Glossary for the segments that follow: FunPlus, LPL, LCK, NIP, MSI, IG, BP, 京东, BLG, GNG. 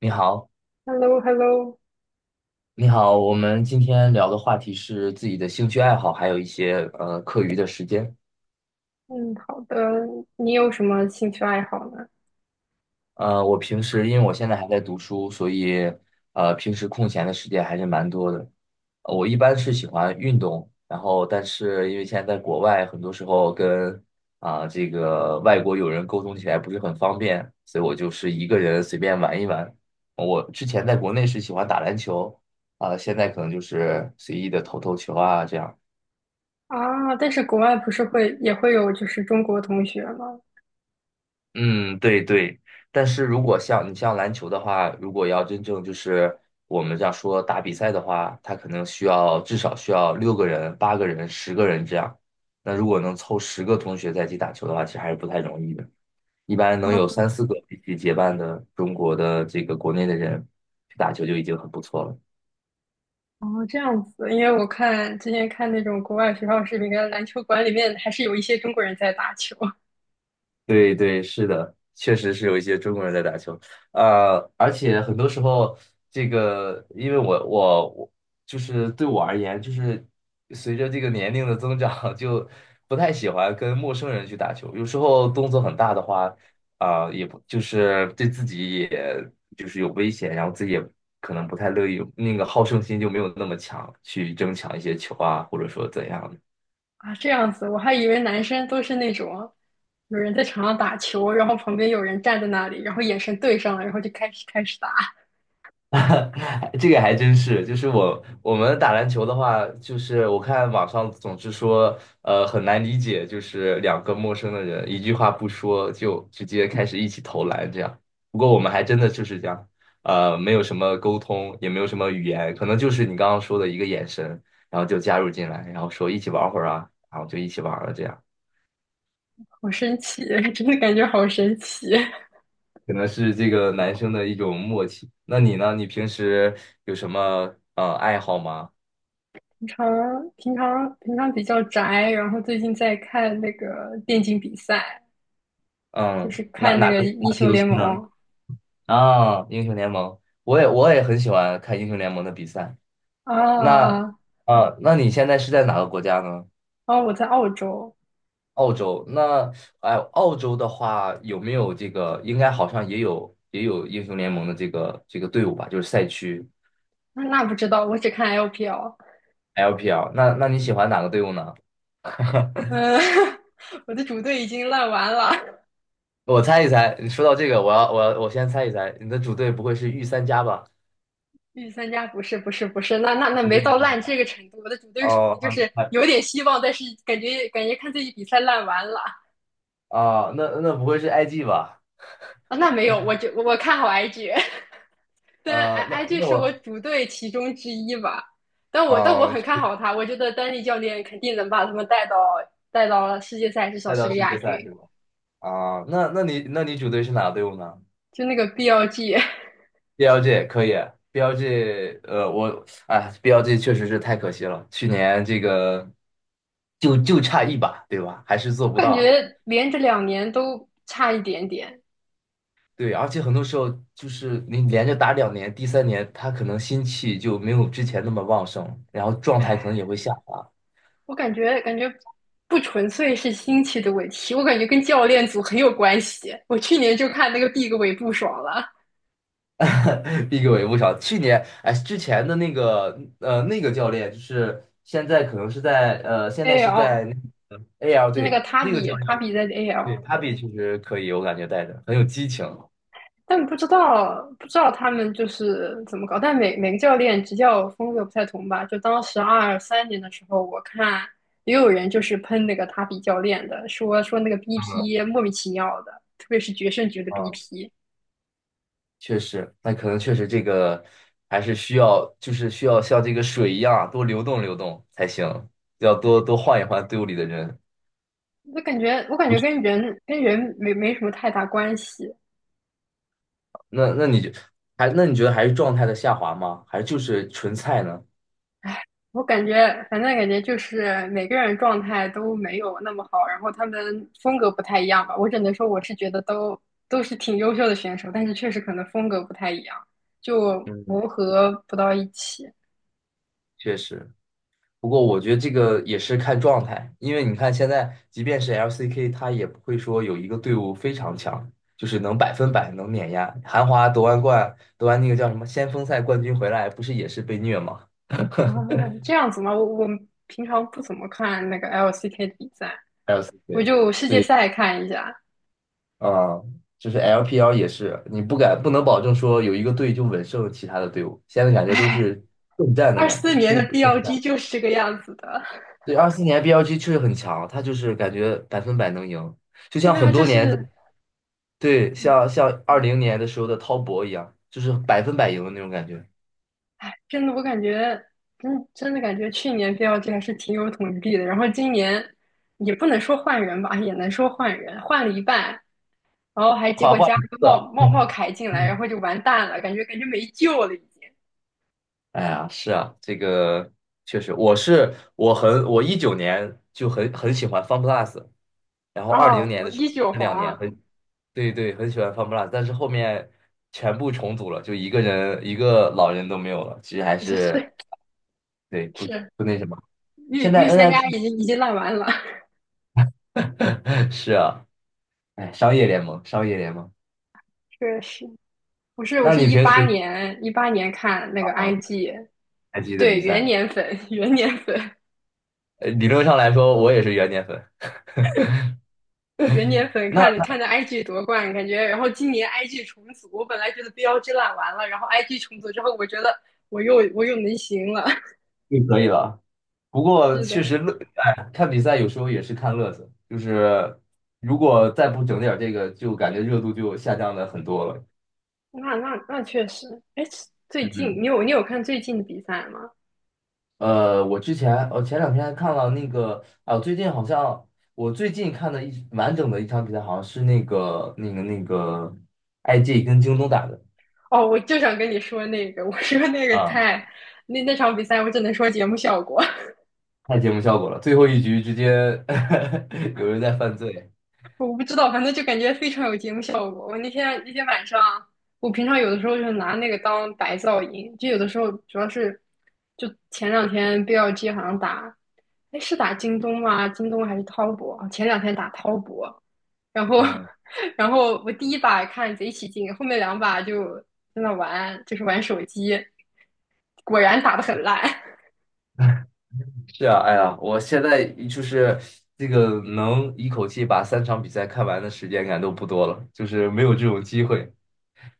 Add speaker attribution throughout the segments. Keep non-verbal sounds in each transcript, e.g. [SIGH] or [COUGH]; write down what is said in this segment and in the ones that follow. Speaker 1: 你好，
Speaker 2: h e l l o h e l l o
Speaker 1: 你好，我们今天聊的话题是自己的兴趣爱好，还有一些课余的时间。
Speaker 2: 嗯，好的。你有什么兴趣爱好呢？
Speaker 1: 我平时因为我现在还在读书，所以平时空闲的时间还是蛮多的。我一般是喜欢运动，然后但是因为现在在国外，很多时候跟这个外国友人沟通起来不是很方便，所以我就是一个人随便玩一玩。我之前在国内是喜欢打篮球，现在可能就是随意的投投球啊这样。
Speaker 2: 啊，但是国外不是会也会有就是中国同学吗？
Speaker 1: 嗯，对对，但是如果像篮球的话，如果要真正就是我们这样说打比赛的话，它可能至少需要6个人、8个人、10个人这样。那如果能凑10个同学在一起打球的话，其实还是不太容易的。一般能
Speaker 2: 啊，
Speaker 1: 有三四个一起结伴的中国的这个国内的人去打球就已经很不错了。
Speaker 2: 哦，这样子，因为我看之前看那种国外学校视频，跟篮球馆里面还是有一些中国人在打球。 [LAUGHS]
Speaker 1: 对对，是的，确实是有一些中国人在打球，而且很多时候，这个因为我就是对我而言，就是随着这个年龄的增长，[LAUGHS] 就不太喜欢跟陌生人去打球。有时候动作很大的话，也不就是对自己也就是有危险，然后自己也可能不太乐意，那个好胜心就没有那么强，去争抢一些球啊，或者说怎样的。
Speaker 2: 啊，这样子，我还以为男生都是那种有人在场上打球，然后旁边有人站在那里，然后眼神对上了，然后就开始打。
Speaker 1: [LAUGHS] 这个还真是，就是我们打篮球的话，就是我看网上总是说，很难理解，就是两个陌生的人一句话不说就直接开始一起投篮这样。不过我们还真的就是这样，没有什么沟通，也没有什么语言，可能就是你刚刚说的一个眼神，然后就加入进来，然后说一起玩会儿啊，然后就一起玩了这样。
Speaker 2: 好神奇，[LAUGHS] 真的感觉好神奇。
Speaker 1: 可能是这个男生的一种默契。那你呢？你平时有什么爱好吗？
Speaker 2: 平常比较宅，然后最近在看那个电竞比赛，就
Speaker 1: 嗯，
Speaker 2: 是看那个英
Speaker 1: 哪个
Speaker 2: 雄
Speaker 1: 游戏
Speaker 2: 联
Speaker 1: 呢？
Speaker 2: 盟。
Speaker 1: 啊，英雄联盟，我也很喜欢看英雄联盟的比赛。那
Speaker 2: 啊哦，
Speaker 1: 那你现在是在哪个国家呢？
Speaker 2: 啊我在澳洲。
Speaker 1: 澳洲。那澳洲的话有没有这个？应该好像也有英雄联盟的这个队伍吧，就是赛区
Speaker 2: 那不知道，我只看 LPL。
Speaker 1: LPL。那你喜欢哪个队伍呢？
Speaker 2: 嗯，[LAUGHS] 我的主队已经烂完了。
Speaker 1: 我猜一猜，你说到这个，我先猜一猜，你的主队不会是御三家吧？
Speaker 2: 御三家不是不是不是，那
Speaker 1: 不是
Speaker 2: 没
Speaker 1: 御
Speaker 2: 到
Speaker 1: 三
Speaker 2: 烂这
Speaker 1: 家
Speaker 2: 个程度，我的主队属于
Speaker 1: 哦，
Speaker 2: 就
Speaker 1: 还
Speaker 2: 是
Speaker 1: 还
Speaker 2: 有点希望，但是感觉看自己比赛烂完了。
Speaker 1: 啊，那那不会是 IG 吧？
Speaker 2: 啊，那没有，我看好 IG。但
Speaker 1: 那
Speaker 2: IG
Speaker 1: 那
Speaker 2: 是我
Speaker 1: 我
Speaker 2: 主队其中之一吧，但我很
Speaker 1: 就
Speaker 2: 看好他，我觉得丹尼教练肯定能把他们带到世界赛，至少
Speaker 1: 带
Speaker 2: 是
Speaker 1: 到
Speaker 2: 个
Speaker 1: 世
Speaker 2: 亚
Speaker 1: 界赛
Speaker 2: 军。
Speaker 1: 是吧？啊，那你主队是哪个队伍呢
Speaker 2: 就那个 BLG，
Speaker 1: ？BLG 可以，BLG 我BLG 确实是太可惜了，去年这个就差一把，对吧？还是做
Speaker 2: 我 [LAUGHS]
Speaker 1: 不到
Speaker 2: 感
Speaker 1: 啊。
Speaker 2: 觉连着2年都差一点点。
Speaker 1: 对，而且很多时候就是你连着打两年，第3年他可能心气就没有之前那么旺盛，然后状态可能也
Speaker 2: 唉，
Speaker 1: 会下滑。
Speaker 2: 我感觉不纯粹是心气的问题，我感觉跟教练组很有关系。我去年就看那个 Big 尾不爽了
Speaker 1: [LAUGHS] 逼我也不少。去年，哎，之前的那个，那个教练，就是现在可能是在，现在是在
Speaker 2: ，AL
Speaker 1: 那 AL
Speaker 2: 就那个
Speaker 1: 队
Speaker 2: 塔
Speaker 1: 那个教
Speaker 2: 比
Speaker 1: 练
Speaker 2: 塔
Speaker 1: 我
Speaker 2: 比
Speaker 1: 觉
Speaker 2: 在
Speaker 1: 得，对
Speaker 2: AL，
Speaker 1: p a p i 确实可以，我感觉带着很有激情。
Speaker 2: 但不知道他们就是怎么搞，但每个教练执教风格不太同吧。就当时二三年的时候，我看也有人就是喷那个塔比教练的，说那个
Speaker 1: 嗯
Speaker 2: BP 莫名其妙的，特别是决胜局的
Speaker 1: 嗯，
Speaker 2: BP。
Speaker 1: 确实，那可能确实这个还是需要，就是需要像这个水一样啊多流动流动才行，要多多换一换队伍里的人。
Speaker 2: 我感觉我感
Speaker 1: 不
Speaker 2: 觉
Speaker 1: 是，
Speaker 2: 跟人没什么太大关系。
Speaker 1: 那那你就那你觉得还是状态的下滑吗？还是就是纯菜呢？
Speaker 2: 我感觉，反正感觉就是每个人状态都没有那么好，然后他们风格不太一样吧。我只能说，我是觉得都是挺优秀的选手，但是确实可能风格不太一样，就
Speaker 1: 嗯，
Speaker 2: 磨合不到一起啊。
Speaker 1: 确实。不过我觉得这个也是看状态，因为你看现在，即便是 LCK，他也不会说有一个队伍非常强，就是能百分百能碾压。韩华夺完冠，夺完那个叫什么先锋赛冠军回来，不是也是被虐吗
Speaker 2: 这样子吗？我平常不怎么看那个 LCK 的比赛，我
Speaker 1: ？LCK，
Speaker 2: 就世界
Speaker 1: 对，
Speaker 2: 赛看一下。
Speaker 1: 啊、就是 LPL 也是，你不能保证说有一个队就稳胜其他的队伍，现在感觉都是混战的
Speaker 2: 二
Speaker 1: 感觉，
Speaker 2: 四年
Speaker 1: 都
Speaker 2: 的
Speaker 1: 虎混战。
Speaker 2: BLG 就是这个样子的，
Speaker 1: 对，24年 BLG 确实很强，他就是感觉百分百能赢，就
Speaker 2: [LAUGHS]
Speaker 1: 像
Speaker 2: 对啊，
Speaker 1: 很
Speaker 2: 就
Speaker 1: 多年。
Speaker 2: 是。
Speaker 1: 对，像二零年的时候的滔搏一样，就是百分百赢的那种感觉，
Speaker 2: 真的，我感觉真的感觉去年 BLG 还是挺有统治力的，然后今年也不能说换人吧，也能说换人，换了一半，然后还结
Speaker 1: 夸
Speaker 2: 果
Speaker 1: 夸
Speaker 2: 加了
Speaker 1: 一
Speaker 2: 个
Speaker 1: 个，
Speaker 2: 茂凯进来，然
Speaker 1: 嗯，
Speaker 2: 后就完蛋了，感觉没救了已经。
Speaker 1: 哎呀，是啊，这个确实，我19年就很喜欢 FunPlus，然后二
Speaker 2: 啊，
Speaker 1: 零年
Speaker 2: 我
Speaker 1: 的时候
Speaker 2: 一九
Speaker 1: 这两年
Speaker 2: 黄，
Speaker 1: 很对对很喜欢 FunPlus，但是后面全部重组了，就一个人一个老人都没有了，其实还
Speaker 2: [LAUGHS] 是
Speaker 1: 是
Speaker 2: 是
Speaker 1: 对不
Speaker 2: 是，
Speaker 1: 不那什么。
Speaker 2: 御
Speaker 1: 现在
Speaker 2: 御三家
Speaker 1: NIP
Speaker 2: 已经烂完了。
Speaker 1: [LAUGHS] 是啊，哎，商业联盟商业联盟，
Speaker 2: [LAUGHS] 确实。我是我
Speaker 1: 那
Speaker 2: 是
Speaker 1: 你
Speaker 2: 一
Speaker 1: 平
Speaker 2: 八
Speaker 1: 时
Speaker 2: 年一八年看那个
Speaker 1: 啊
Speaker 2: IG，
Speaker 1: 还记得
Speaker 2: 对
Speaker 1: 比
Speaker 2: 元
Speaker 1: 赛？
Speaker 2: 年粉元年粉，
Speaker 1: 理论上来说，我也是元年粉 [LAUGHS]，
Speaker 2: 元年粉看
Speaker 1: 那
Speaker 2: 看着 IG 夺冠。感觉然后今年 IG 重组，我本来觉得 BLG 烂完了，然后 IG 重组之后，我觉得我又能行了。[LAUGHS]
Speaker 1: 就可以了。不过
Speaker 2: 是
Speaker 1: 确
Speaker 2: 的。
Speaker 1: 实乐，哎，看比赛有时候也是看乐子，就是如果再不整点儿这个，就感觉热度就下降的很多了。
Speaker 2: 那确实。哎，最近
Speaker 1: 嗯，
Speaker 2: 你有看最近的比赛吗？
Speaker 1: 我前两天还看了那个啊，最近好像我最近看的一完整的一场比赛，好像是那个 IG 跟京东打的
Speaker 2: 哦，我就想跟你说那个，我说那个
Speaker 1: 啊，
Speaker 2: 太那场比赛，我只能说节目效果。
Speaker 1: 太节目效果了，最后一局直接 [LAUGHS] 有人在犯罪。
Speaker 2: 我不知道，反正就感觉非常有节目效果。我那天晚上，我平常有的时候就拿那个当白噪音，就有的时候主要是，就前两天 BLG 好像打，哎是打京东吗？京东还是滔博？前两天打滔博，然后
Speaker 1: 嗯
Speaker 2: [LAUGHS] 然后我第一把看贼起劲，后面两把就在那玩，就是玩手机，果然打得很烂。
Speaker 1: 是啊，哎呀，我现在就是这个能一口气把3场比赛看完的时间感都不多了，就是没有这种机会，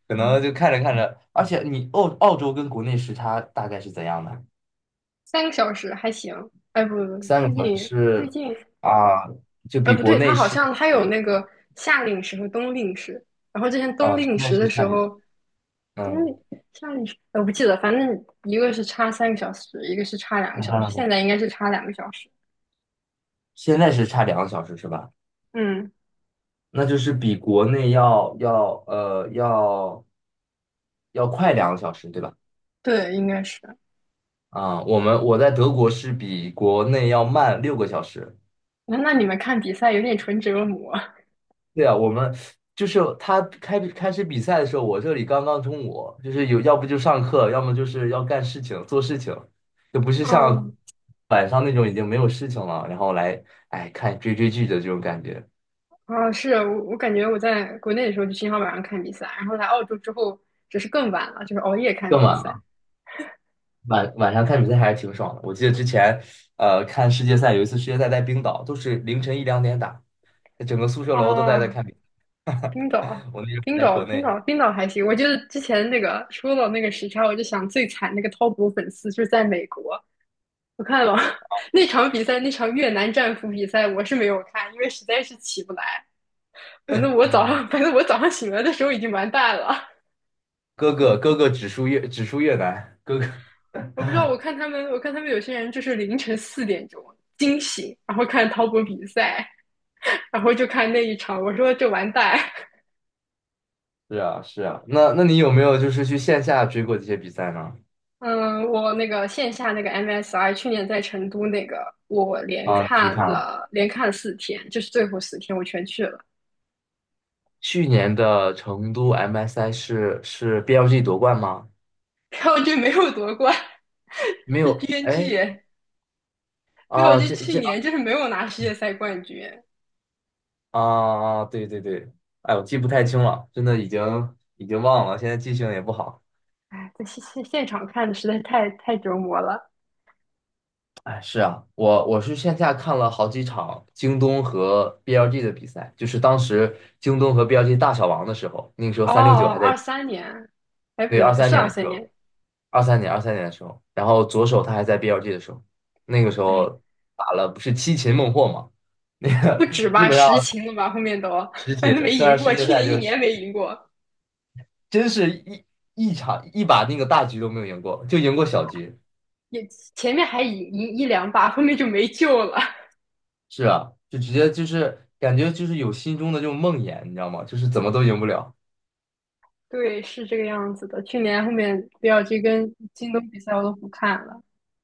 Speaker 1: 可能就看着看着，而且你澳洲跟国内时差大概是怎样的？
Speaker 2: [LAUGHS] 三个小时还行。哎不，
Speaker 1: 三
Speaker 2: 最
Speaker 1: 个小时
Speaker 2: 近最
Speaker 1: 是
Speaker 2: 近
Speaker 1: 啊，就比
Speaker 2: 不
Speaker 1: 国
Speaker 2: 对，它
Speaker 1: 内
Speaker 2: 好
Speaker 1: 是
Speaker 2: 像它有那个夏令时和冬令时。然后之前冬
Speaker 1: 啊，现
Speaker 2: 令
Speaker 1: 在
Speaker 2: 时的
Speaker 1: 是差
Speaker 2: 时
Speaker 1: 两，
Speaker 2: 候，冬
Speaker 1: 嗯，
Speaker 2: 令夏令时，我不记得，反正一个是差三个小时，一个是差两个
Speaker 1: 看
Speaker 2: 小时，
Speaker 1: 看吧
Speaker 2: 现在应该是差两个小时。
Speaker 1: 现在是差两个小时是吧？
Speaker 2: 嗯，
Speaker 1: 那就是比国内要要快两
Speaker 2: 哦，
Speaker 1: 个小时对吧？
Speaker 2: 对，应该是。
Speaker 1: 啊，我在德国是比国内要慢6个小时。
Speaker 2: 那你们看比赛有点纯折磨。
Speaker 1: 对啊，我们就是他开始比赛的时候，我这里刚刚中午，就是有要不就上课，要么就是要干事情做事情，就不是像
Speaker 2: 嗯，
Speaker 1: 晚上那种已经没有事情了，然后来哎看追剧的这种感觉，
Speaker 2: [LAUGHS] 啊，是啊我感觉我在国内的时候就经常晚上看比赛，然后来澳洲之后只是更晚了，就是熬夜看
Speaker 1: 更
Speaker 2: 比
Speaker 1: 晚
Speaker 2: 赛。
Speaker 1: 了。晚上看比赛还是挺爽的。我记得之前看世界赛，有一次世界赛在冰岛，都是凌晨一两点打，整个宿舍楼都在
Speaker 2: 啊，
Speaker 1: 看比赛。[LAUGHS]
Speaker 2: 冰岛啊，
Speaker 1: 我那时候
Speaker 2: 冰
Speaker 1: 还在
Speaker 2: 岛，
Speaker 1: 国
Speaker 2: 冰
Speaker 1: 内，
Speaker 2: 岛，冰岛还行。我觉得之前那个说到那个时差，我就想最惨那个滔搏粉丝就是在美国。我看了 [LAUGHS] 那场比赛，那场越南战俘比赛，我是没有看，因为实在是起不来。反正我早上，[LAUGHS] 反正我早上醒来的时候已经完蛋了。
Speaker 1: 哥哥只输越南，哥哥。
Speaker 2: 我不知道，我看他们有些人就是凌晨4点钟惊醒，然后看滔搏比赛，[LAUGHS] 然后就看那一场，我说这完蛋。
Speaker 1: 是啊，是啊，那你有没有就是去线下追过这些比赛呢？
Speaker 2: 嗯，我那个线下那个 MSI 去年在成都那个，我连
Speaker 1: 啊，你去
Speaker 2: 看
Speaker 1: 看了，
Speaker 2: 了连看了四天，就是最后四天我全去了，
Speaker 1: 去年的成都 MSI 是 BLG 夺冠吗？
Speaker 2: 然后就没有夺冠，[LAUGHS]
Speaker 1: 没
Speaker 2: 是
Speaker 1: 有，
Speaker 2: GNG。
Speaker 1: 哎，
Speaker 2: 耶，没有
Speaker 1: 啊，
Speaker 2: 就
Speaker 1: 这
Speaker 2: 去
Speaker 1: 这
Speaker 2: 年就是没有拿世界赛冠军。
Speaker 1: 啊，对对对，哎，我记不太清了，真的已经忘了，现在记性也不好。
Speaker 2: 哎，在现场看的实在太折磨了。
Speaker 1: 哎，是啊，我是线下看了好几场京东和 BLG 的比赛，就是当时京东和 BLG 大小王的时候，那个时候
Speaker 2: 哦
Speaker 1: 三六九
Speaker 2: 哦，
Speaker 1: 还在。
Speaker 2: 二三年，哎不
Speaker 1: 对，二
Speaker 2: 对，
Speaker 1: 三
Speaker 2: 是
Speaker 1: 年
Speaker 2: 二
Speaker 1: 的时
Speaker 2: 三年。
Speaker 1: 候，二三年的时候，然后左手他还在 BLG 的时候，那个时
Speaker 2: 哎
Speaker 1: 候打了不是七擒孟获嘛，那
Speaker 2: [LAUGHS] 不
Speaker 1: 个
Speaker 2: 止
Speaker 1: 基
Speaker 2: 吧，
Speaker 1: 本上
Speaker 2: 实情了吧，后面都
Speaker 1: 十
Speaker 2: 反正
Speaker 1: 擒，
Speaker 2: 没
Speaker 1: 虽然
Speaker 2: 赢
Speaker 1: 世
Speaker 2: 过，
Speaker 1: 界
Speaker 2: 去
Speaker 1: 赛
Speaker 2: 年一
Speaker 1: 就是
Speaker 2: 年没赢过，
Speaker 1: 真是一场那个大局都没有赢过，就赢过小局，
Speaker 2: 也前面还赢一两把，后面就没救了。
Speaker 1: 是啊，就直接就是感觉就是有心中的这种梦魇，你知道吗？就是怎么都赢不了。
Speaker 2: 对，是这个样子的。去年后面比尔这跟京东比赛我都不看了，